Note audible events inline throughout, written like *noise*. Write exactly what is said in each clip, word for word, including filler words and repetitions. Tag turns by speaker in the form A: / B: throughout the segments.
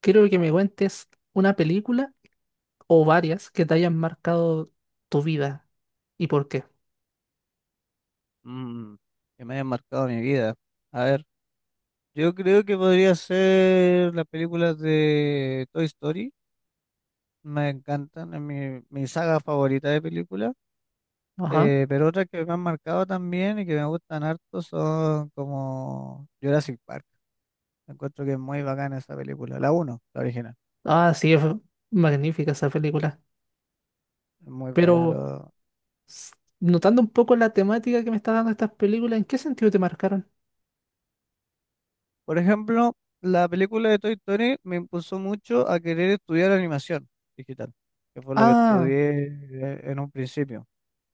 A: Quiero que me cuentes una película o varias que te hayan marcado tu vida y por qué.
B: Mm, que me hayan marcado mi vida. A ver, yo creo que podría ser las películas de Toy Story. Me encantan, es mi, mi saga favorita de películas.
A: Ajá.
B: Eh, pero otras que me han marcado también y que me gustan harto son como Jurassic Park. Encuentro que es muy bacana esa película. La uno, la original.
A: Ah, sí, es magnífica esa película.
B: Es muy buena.
A: Pero
B: Lo...
A: s- notando un poco la temática que me está dando estas películas, ¿en qué sentido te marcaron?
B: Por ejemplo, la película de Toy Story me impulsó mucho a querer estudiar animación digital, que fue lo que
A: Ah,
B: estudié eh, en un principio.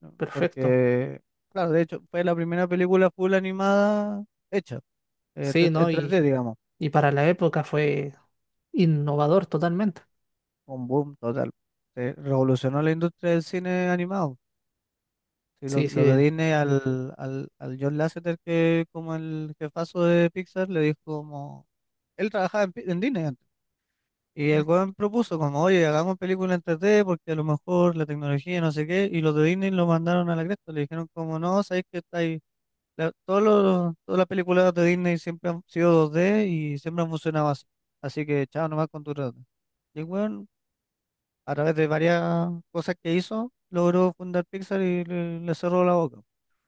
B: ¿No?
A: perfecto.
B: Porque, claro, de hecho, fue la primera película full animada hecha, eh,
A: Sí,
B: de- en
A: ¿no? Y,
B: tres D, digamos,
A: y para la época fue innovador totalmente.
B: un boom total. Se revolucionó la industria del cine animado. Sí, lo,
A: Sí,
B: lo
A: sí.
B: de Disney al, al, al John Lasseter, que como el jefazo de Pixar, le dijo como, él trabajaba en, Pi- en Disney antes. Y el weón propuso como, oye, hagamos película en tres D porque a lo mejor la tecnología no sé qué, y los de Disney lo mandaron a la cresta, le dijeron como, no, sabéis que está La- todos los- todas las películas de Disney siempre han sido dos D y siempre han funcionado así. Así que chao nomás con tu trato. Y el weón, a través de varias cosas que hizo, logró fundar Pixar y le, le cerró la boca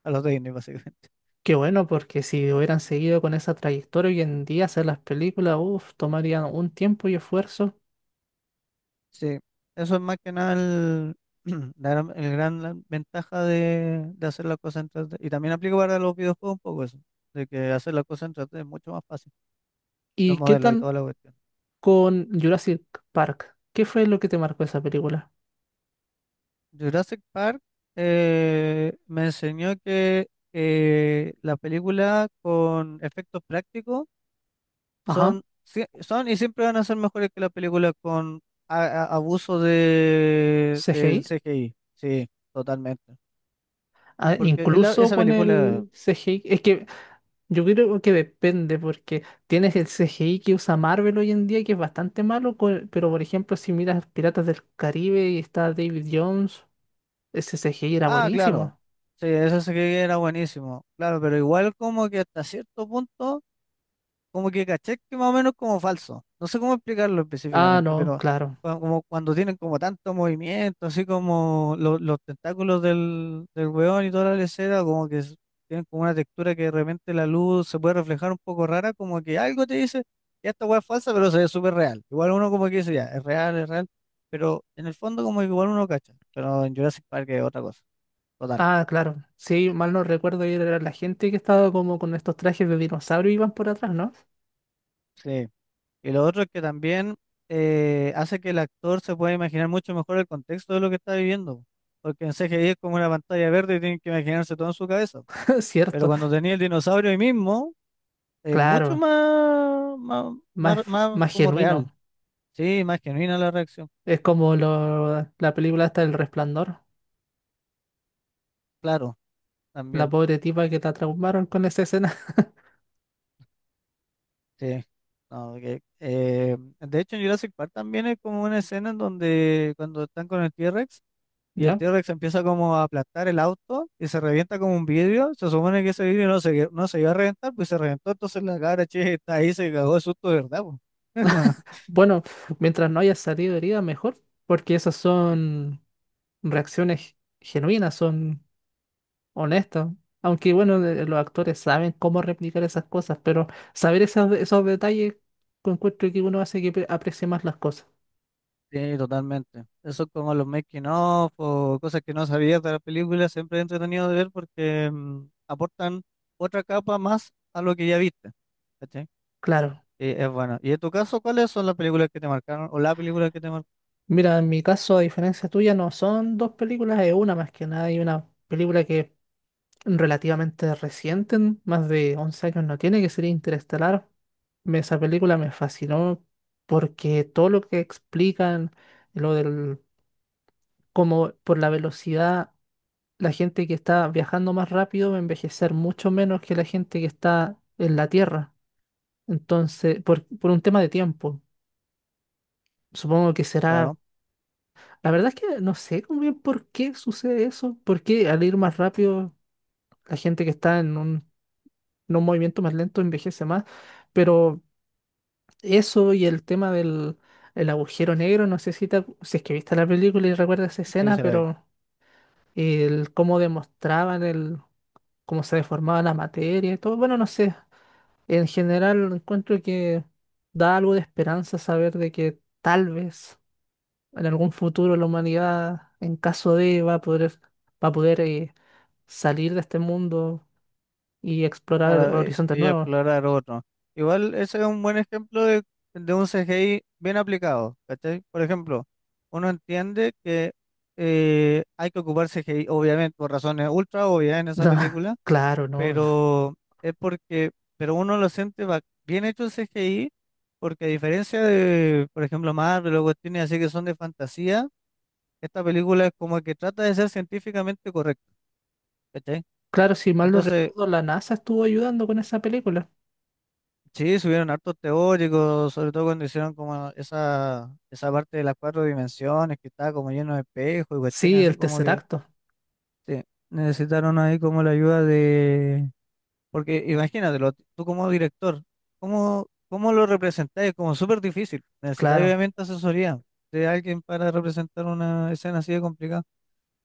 B: a los de Disney, *laughs* básicamente.
A: Qué bueno, porque si hubieran seguido con esa trayectoria hoy en día hacer las películas, uff, tomarían un tiempo y esfuerzo.
B: Sí, eso es más que nada el, *clears throat* la gran, el gran la- ventaja de, de hacer las cosas en tres D. Y también aplica para los videojuegos un poco eso, de que hacer las cosas en tres D es mucho más fácil, los
A: ¿Y qué
B: modelos y
A: tal
B: toda la cuestión.
A: con Jurassic Park? ¿Qué fue lo que te marcó esa película?
B: Jurassic Park eh, me enseñó que eh, las películas con efectos prácticos
A: Ajá,
B: son, sí- son y siempre van a ser mejores que las películas con a- a- abuso de, del
A: C G I.
B: C G I. Sí, totalmente.
A: Ah,
B: Porque es la-
A: incluso
B: esa
A: con
B: película,
A: el C G I. Es que yo creo que depende, porque tienes el C G I que usa Marvel hoy en día, que es bastante malo, co- pero por ejemplo, si miras Piratas del Caribe y está David Jones, ese C G I era
B: ah, claro,
A: buenísimo.
B: sí, ese C G I era buenísimo, claro, pero igual como que hasta cierto punto. Como que caché que más o menos como falso. No sé cómo explicarlo
A: Ah,
B: específicamente,
A: no,
B: pero
A: claro.
B: cua- como cuando tienen como tanto movimiento, así como lo- los tentáculos del, del weón y toda la lesera, como que s- tienen como una textura que de repente la luz se puede reflejar un poco rara, como que algo te dice, ya esta weá es falsa, pero se ve súper real. Igual uno como que dice, ya, es real, es real, pero en el fondo como que igual uno cacha, pero en Jurassic Park es otra cosa, total.
A: Ah, claro. Sí, mal no recuerdo, era la gente que estaba como con estos trajes de dinosaurio y iban por atrás, ¿no?
B: Sí. Y lo otro es que también eh, hace que el actor se pueda imaginar mucho mejor el contexto de lo que está viviendo. Porque en C G I es como una pantalla verde y tienen que imaginarse todo en su cabeza.
A: *laughs*
B: Pero
A: Cierto,
B: cuando tenía el dinosaurio ahí mismo, es mucho
A: claro.
B: más, más, más,
A: Más,
B: más
A: más
B: como real.
A: genuino.
B: Sí, más genuina la reacción.
A: Es como lo- la película hasta El Resplandor,
B: Claro,
A: la
B: también.
A: pobre tipa que la traumaron con esa escena. *laughs*
B: Sí. No, que, eh, de hecho, en Jurassic Park también es como una escena en donde cuando están con el T-Rex, y el
A: ¿Ya?
B: T-Rex empieza como a aplastar el auto y se revienta como un vidrio. Se supone que ese vidrio no se, no se iba a reventar, pues se reventó. Entonces la cabra che *laughs* está ahí, se cagó de susto, de verdad, po. *laughs*
A: Bueno, mientras no haya salido herida, mejor, porque esas son reacciones genuinas, son honestas. Aunque bueno, de- los actores saben cómo replicar esas cosas, pero saber esos, esos detalles, encuentro que uno hace que pre- aprecie más las cosas.
B: Sí, totalmente. Eso es como los making of o cosas que no sabías de la película, siempre es entretenido de ver porque mm, aportan otra capa más a lo que ya viste. ¿Cachai?
A: Claro.
B: Y es bueno. ¿Y en tu caso, cuáles son las películas que te marcaron o la película que te marcaron?
A: Mira, en mi caso, a diferencia tuya, no son dos películas, es una más que nada, y una película que relativamente reciente, en más de once años no tiene, que sería Interestelar. Me- Esa película me fascinó porque todo lo que explican, lo del cómo por la velocidad, la gente que está viajando más rápido va a envejecer mucho menos que la gente que está en la Tierra. Entonces, por, por un tema de tiempo, supongo que será...
B: Claro,
A: La verdad es que no sé muy bien por qué sucede eso, porque al ir más rápido, la gente que está en un no un movimiento más lento envejece más, pero eso y el tema del el agujero negro, no sé si, te acu- si es que viste la película y recuerdas esa
B: sí,
A: escena,
B: se la vi.
A: pero el cómo demostraban el cómo se deformaba la materia y todo, bueno, no sé, en general encuentro que da algo de esperanza saber de que tal vez en algún futuro la humanidad, en caso de, va a poder, va a poder eh, salir de este mundo y explorar
B: Claro, e-
A: horizontes
B: y
A: nuevos.
B: explorar otro. Igual ese es un buen ejemplo de, de un C G I bien aplicado, ¿cachai? Por ejemplo, uno entiende que eh, hay que ocupar C G I, obviamente, por razones ultra obvias en
A: *laughs*
B: esa
A: No,
B: película,
A: claro, no.
B: pero es porque, pero uno lo siente ba- bien hecho el C G I, porque a diferencia de, por ejemplo, Marvel o cuestiones así que son de fantasía, esta película es como que trata de ser científicamente correcta. ¿Cachai?
A: Claro, si mal no
B: Entonces,
A: recuerdo, la NASA estuvo ayudando con esa película.
B: sí, subieron hartos teóricos, sobre todo cuando hicieron como esa, esa parte de las cuatro dimensiones que estaba como lleno de espejos y cuestiones
A: Sí,
B: así
A: el
B: como
A: tercer
B: que
A: acto,
B: sí, necesitaron ahí como la ayuda de. Porque imagínatelo, tú como director, ¿cómo, cómo lo representáis? Es como súper difícil. Necesitáis
A: claro.
B: obviamente asesoría de alguien para representar una escena así de complicada.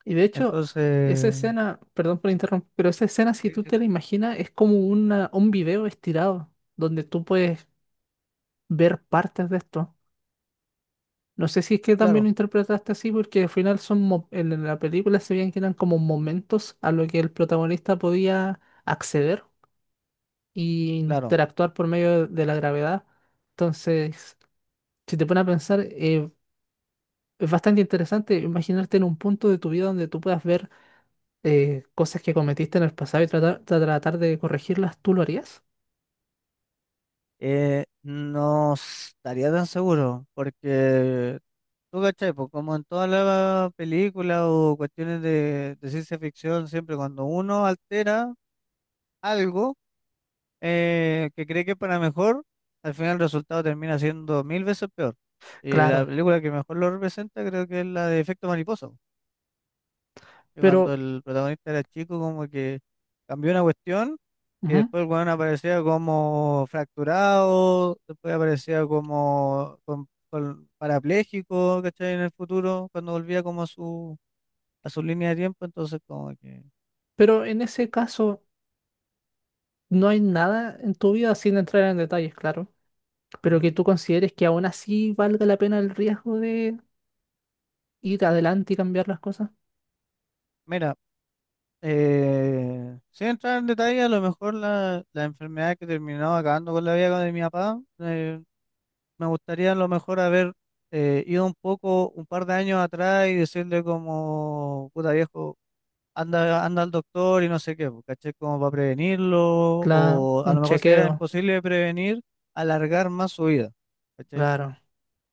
A: Y de hecho, esa
B: Entonces,
A: escena, perdón por interrumpir, pero esa escena, si
B: sí,
A: tú
B: sí,
A: te la imaginas, es como una, un video estirado, donde tú puedes ver partes de esto. No sé si es que también lo
B: claro,
A: interpretaste así, porque al final son mo- en en la película se veían que eran como momentos a lo que el protagonista podía acceder y
B: claro.
A: interactuar por medio de de la gravedad. Entonces, si te pones a pensar, eh, es bastante interesante imaginarte en un punto de tu vida donde tú puedas ver eh, cosas que cometiste en el pasado y tratar, tra- tratar de corregirlas, ¿tú lo harías?
B: Eh, no estaría tan seguro porque. ¿Tú cachai? Pues como en todas las películas o cuestiones de, de ciencia ficción, siempre cuando uno altera algo eh, que cree que es para mejor, al final el resultado termina siendo mil veces peor. Y la
A: Claro,
B: película que mejor lo representa creo que es la de Efecto Mariposa, que cuando
A: pero,
B: el protagonista era chico como que cambió una cuestión y
A: ujú,
B: después el weón aparecía como fracturado, después aparecía como con, con parapléjico, ¿cachai? En el futuro, cuando volvía como a su a su línea de tiempo, entonces como que,
A: pero en ese caso no hay nada en tu vida sin entrar en detalles, claro, pero que
B: ujú.
A: tú consideres que aún así valga la pena el riesgo de ir adelante y cambiar las cosas.
B: Mira, eh, sin entrar en detalle, a lo mejor la, la enfermedad que terminó acabando con la vida de mi papá, eh, me gustaría a lo mejor haber eh, ido un poco, un par de años atrás y decirle como, puta viejo, anda, anda al doctor y no sé qué, po, ¿cachai? Como para prevenirlo,
A: Claro,
B: o a
A: un
B: lo mejor si era
A: chequeo,
B: imposible de prevenir, alargar más su vida, ¿cachai?
A: claro,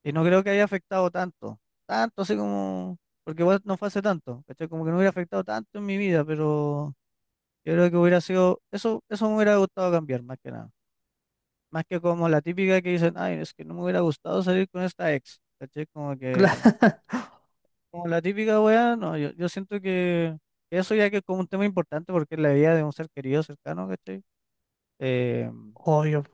B: Y no creo que haya afectado tanto, tanto así como, porque igual no fue hace tanto, ¿cachai? Como que no hubiera afectado tanto en mi vida, pero yo creo que hubiera sido, eso, eso me hubiera gustado cambiar, más que nada. Más que como la típica que dicen, ay, es que no me hubiera gustado salir con esta ex, ¿cachai? Como que,
A: claro,
B: como la típica weá, no, yo, yo siento que eso ya que es como un tema importante porque es la vida de un ser querido cercano, ¿cachai? Eh,
A: *laughs* obvio.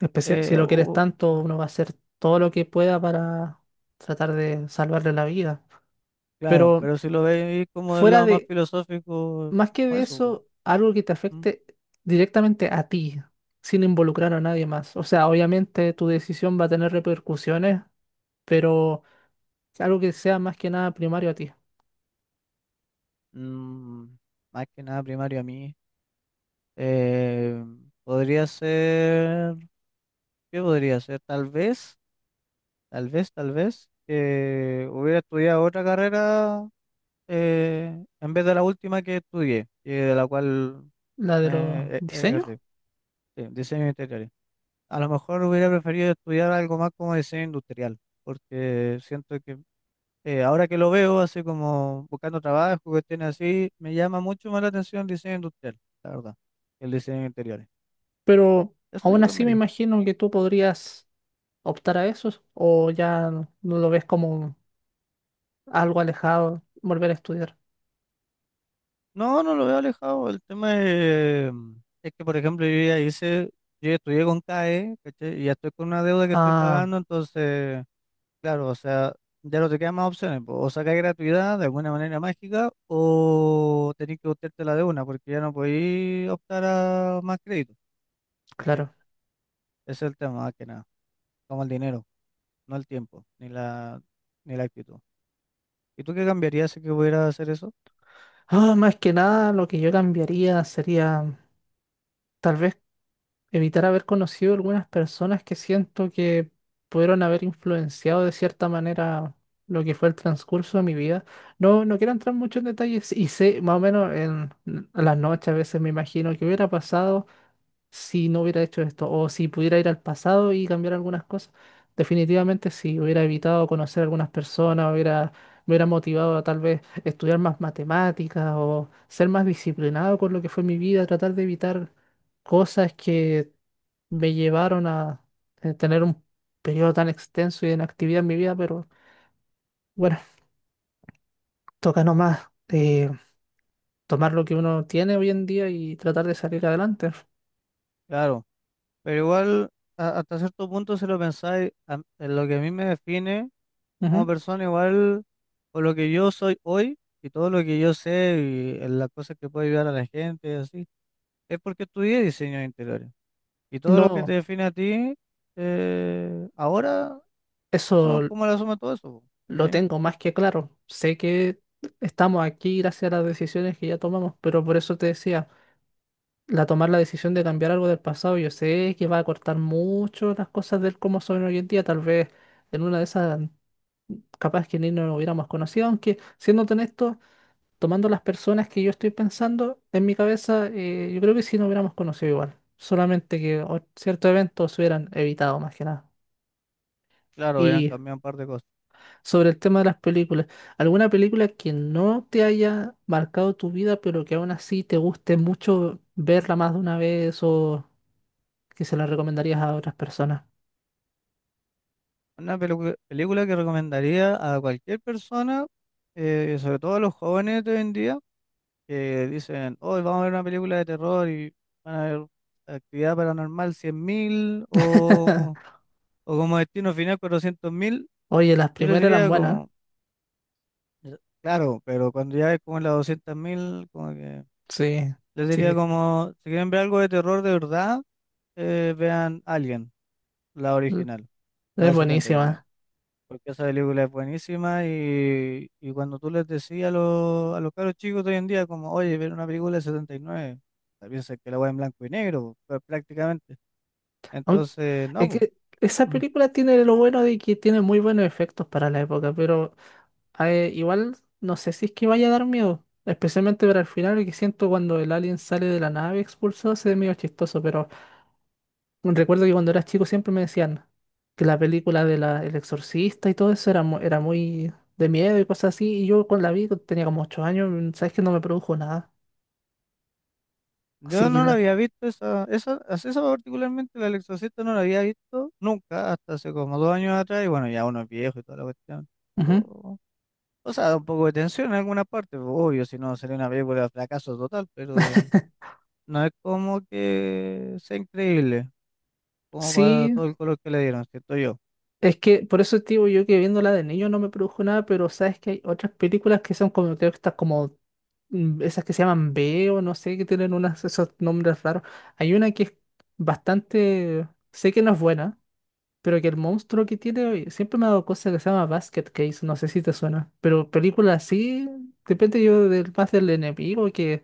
A: Especia- si
B: eh,
A: lo quieres
B: u-
A: tanto,
B: u-
A: uno va a hacer todo lo que pueda para tratar de salvarle la vida.
B: claro,
A: Pero
B: pero si lo veis como del
A: fuera
B: lado más
A: de,
B: filosófico,
A: más que
B: como
A: de
B: eso, como,
A: eso, algo que te
B: ¿mm?
A: afecte directamente a ti, sin involucrar a nadie más. O sea, obviamente tu decisión va a tener repercusiones, pero algo que sea más que nada primario a ti.
B: Mm, más que nada primario a mí. Eh, podría ser, ¿qué podría ser? Tal vez, tal vez, tal vez, que hubiera estudiado otra carrera eh, en vez de la última que estudié, y de la cual
A: La de los
B: me e-
A: diseños.
B: ejercí, sí, diseño interior. A lo mejor hubiera preferido estudiar algo más como diseño industrial, porque siento que Eh, ahora que lo veo, así como buscando trabajo, cuestiones así, me llama mucho más la atención el diseño industrial, la verdad, que el diseño de interiores.
A: Pero
B: Eso
A: aún
B: yo
A: así me
B: cambiaría.
A: imagino que tú podrías optar a eso o ya no lo ves como algo alejado, volver a estudiar.
B: No, no lo veo alejado. El tema es, es que, por ejemplo, yo ya hice, yo ya estudié con C A E, ¿cachai? Y ya estoy con una deuda que estoy
A: Ah,
B: pagando, entonces, claro, o sea, ya no te quedan más opciones, po. O sacáis gratuidad de alguna manera mágica, o tenés que buscarte la de una, porque ya no podéis optar a más crédito, ¿cachai?
A: claro.
B: Ese es el tema, más que nada, como el dinero. No el tiempo, ni la, ni la actitud. ¿Y tú qué cambiarías si que pudieras hacer eso?
A: Ah, más que nada, lo que yo cambiaría sería tal vez evitar haber conocido algunas personas que siento que pudieron haber influenciado de cierta manera lo que fue el transcurso de mi vida. No, no quiero entrar mucho en detalles y sé más o menos en a las noches a veces me imagino que hubiera pasado si no hubiera hecho esto, o si pudiera ir al pasado y cambiar algunas cosas, definitivamente sí, hubiera evitado conocer a algunas personas, hubiera, me hubiera motivado a tal vez estudiar más matemáticas o ser más disciplinado con lo que fue mi vida, tratar de evitar cosas que me llevaron a eh, tener un periodo tan extenso y de inactividad en mi vida, pero bueno, toca nomás eh, tomar lo que uno tiene hoy en día y tratar de salir adelante.
B: Claro, pero igual a- hasta cierto punto si lo pensáis, a- en lo que a mí me define como
A: Ujú.
B: persona, igual por lo que yo soy hoy y todo lo que yo sé y en las cosas que puedo ayudar a la gente y así, es porque estudié diseño de interiores. Y todo lo que te
A: No,
B: define a ti eh, ahora son
A: eso
B: como la suma de todo eso, po,
A: lo
B: ¿cachai?
A: tengo más que claro. Sé que estamos aquí gracias a las decisiones que ya tomamos, pero por eso te decía, la tomar la decisión de cambiar algo del pasado, yo sé que va a cortar mucho las cosas del cómo son hoy en día. Tal vez en una de esas, capaz que ni nos hubiéramos conocido, aunque siendo honesto, tomando las personas que yo estoy pensando en mi cabeza, eh, yo creo que sí nos hubiéramos conocido igual. Solamente que o- ciertos eventos se hubieran evitado más que nada.
B: Claro, hubieran
A: Y
B: cambiado un par de cosas.
A: sobre el tema de las películas, ¿alguna película que no te haya marcado tu vida, pero que aún así te guste mucho verla más de una vez o que se la recomendarías a otras personas?
B: Una pelu- película que recomendaría a cualquier persona, eh, sobre todo a los jóvenes de hoy en día, que dicen, hoy vamos a ver una película de terror y van a ver Actividad Paranormal cien mil o,
A: *laughs*
B: o como Destino Final cuatrocientos mil.
A: Oye, las
B: Yo les
A: primeras eran
B: diría
A: buenas.
B: como, claro, pero cuando ya es como en las doscientos mil, como que
A: Sí,
B: les diría
A: sí,
B: como, si quieren ver algo de terror de verdad, eh, vean Alien, la
A: mm,
B: original, la
A: es
B: de setenta y nueve.
A: buenísima.
B: Porque esa película es buenísima y, y cuando tú les decías a los, a los caros chicos de hoy en día, como, oye, ver una película de setenta y nueve se piensan que la voy en blanco y negro, po, prácticamente.
A: Aun-
B: Entonces, no,
A: es
B: po.
A: que esa
B: Ujú.
A: película tiene lo bueno de que tiene muy buenos efectos para la época, pero eh, igual no sé si es que vaya a dar miedo, especialmente para el final, que siento cuando el alien sale de la nave expulsado, se ve medio chistoso, pero... Recuerdo que cuando era chico siempre me decían que la película de la, El Exorcista y todo eso era, mu- era muy de miedo y cosas así. Y yo con la vi, cuando tenía como ocho años, mm, sabes que no me produjo nada.
B: Yo
A: Así que
B: no la
A: nada.
B: había visto, esa, esa, as- esa particularmente, la del Exorcista no la había visto nunca, hasta hace como dos años atrás, y bueno, ya uno es viejo y toda la cuestión.
A: Ujú.
B: Pero, o sea, da un poco de tensión en alguna parte, po, obvio, si no sería una película de fracaso total, pero no es como que sea increíble. Como para
A: Sí,
B: todo el color que le dieron, siento yo.
A: es que por eso te yo que viéndola de niño no me produjo nada, pero sabes que hay otras películas que son como, creo que estas como, mm, esas que se llaman B o no sé, que tienen unas, esos nombres raros. Hay una que es bastante, sé que no es buena, pero que el monstruo que tiene siempre me ha dado cosas, que se llama Basket Case, no sé si te suena. Pero películas así, depende yo del, más del enemigo que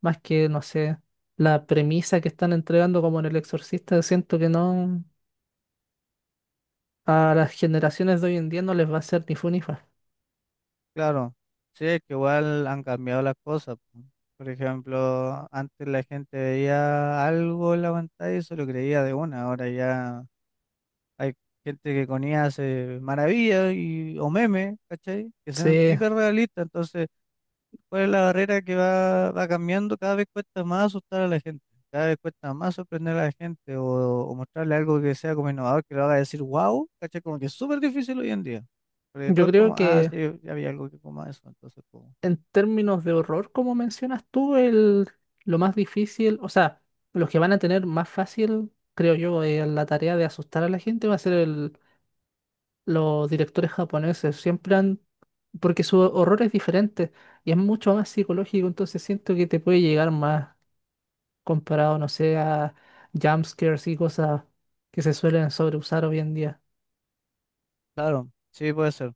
A: más que, no sé, la premisa que están entregando como en El Exorcista, siento que no, a las generaciones de hoy en día no les va a ser ni fu ni fa.
B: Claro, sí, es que igual han cambiado las cosas, po. Por ejemplo, antes la gente veía algo en la pantalla y se lo creía de una, ahora ya hay gente que con I A hace maravillas y, o memes, ¿cachai? Que son
A: Sí,
B: hiperrealistas, entonces ¿cuál es la barrera que va, va cambiando? Cada vez cuesta más asustar a la gente, cada vez cuesta más sorprender a la gente o, o mostrarle algo que sea como innovador, que lo haga decir wow, ¿cachai? Como que es súper difícil hoy en día. Porque
A: yo
B: todo es
A: creo
B: como, ah,
A: que
B: sí, ya había algo que como eso, entonces como,
A: en términos de horror, como mencionas tú, el, lo más difícil, o sea, los que van a tener más fácil, creo yo, eh, la tarea de asustar a la gente va a ser el los directores japoneses siempre han, porque su horror es diferente y es mucho más psicológico, entonces siento que te puede llegar más comparado, no sé, a jumpscares y cosas que se suelen sobreusar hoy en día.
B: claro, sí puede ser.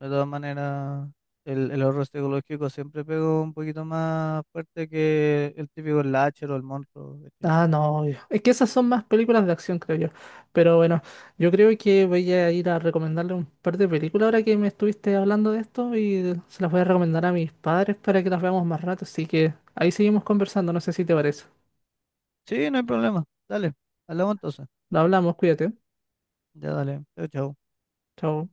B: De todas maneras, el, el horror psicológico siempre pegó un poquito más fuerte que el típico slasher o el monstruo, ¿cachai?
A: Ah, no, obvio. Es que esas son más películas de acción, creo yo. Pero bueno, yo creo que voy a ir a recomendarle un par de películas ahora que me estuviste hablando de esto y se las voy a recomendar a mis padres para que las veamos más rato. Así que ahí seguimos conversando, no sé si te parece.
B: Sí, no hay problema, dale, hablamos entonces.
A: Lo hablamos, cuídate.
B: Ya dale, chao, chao.
A: Chao.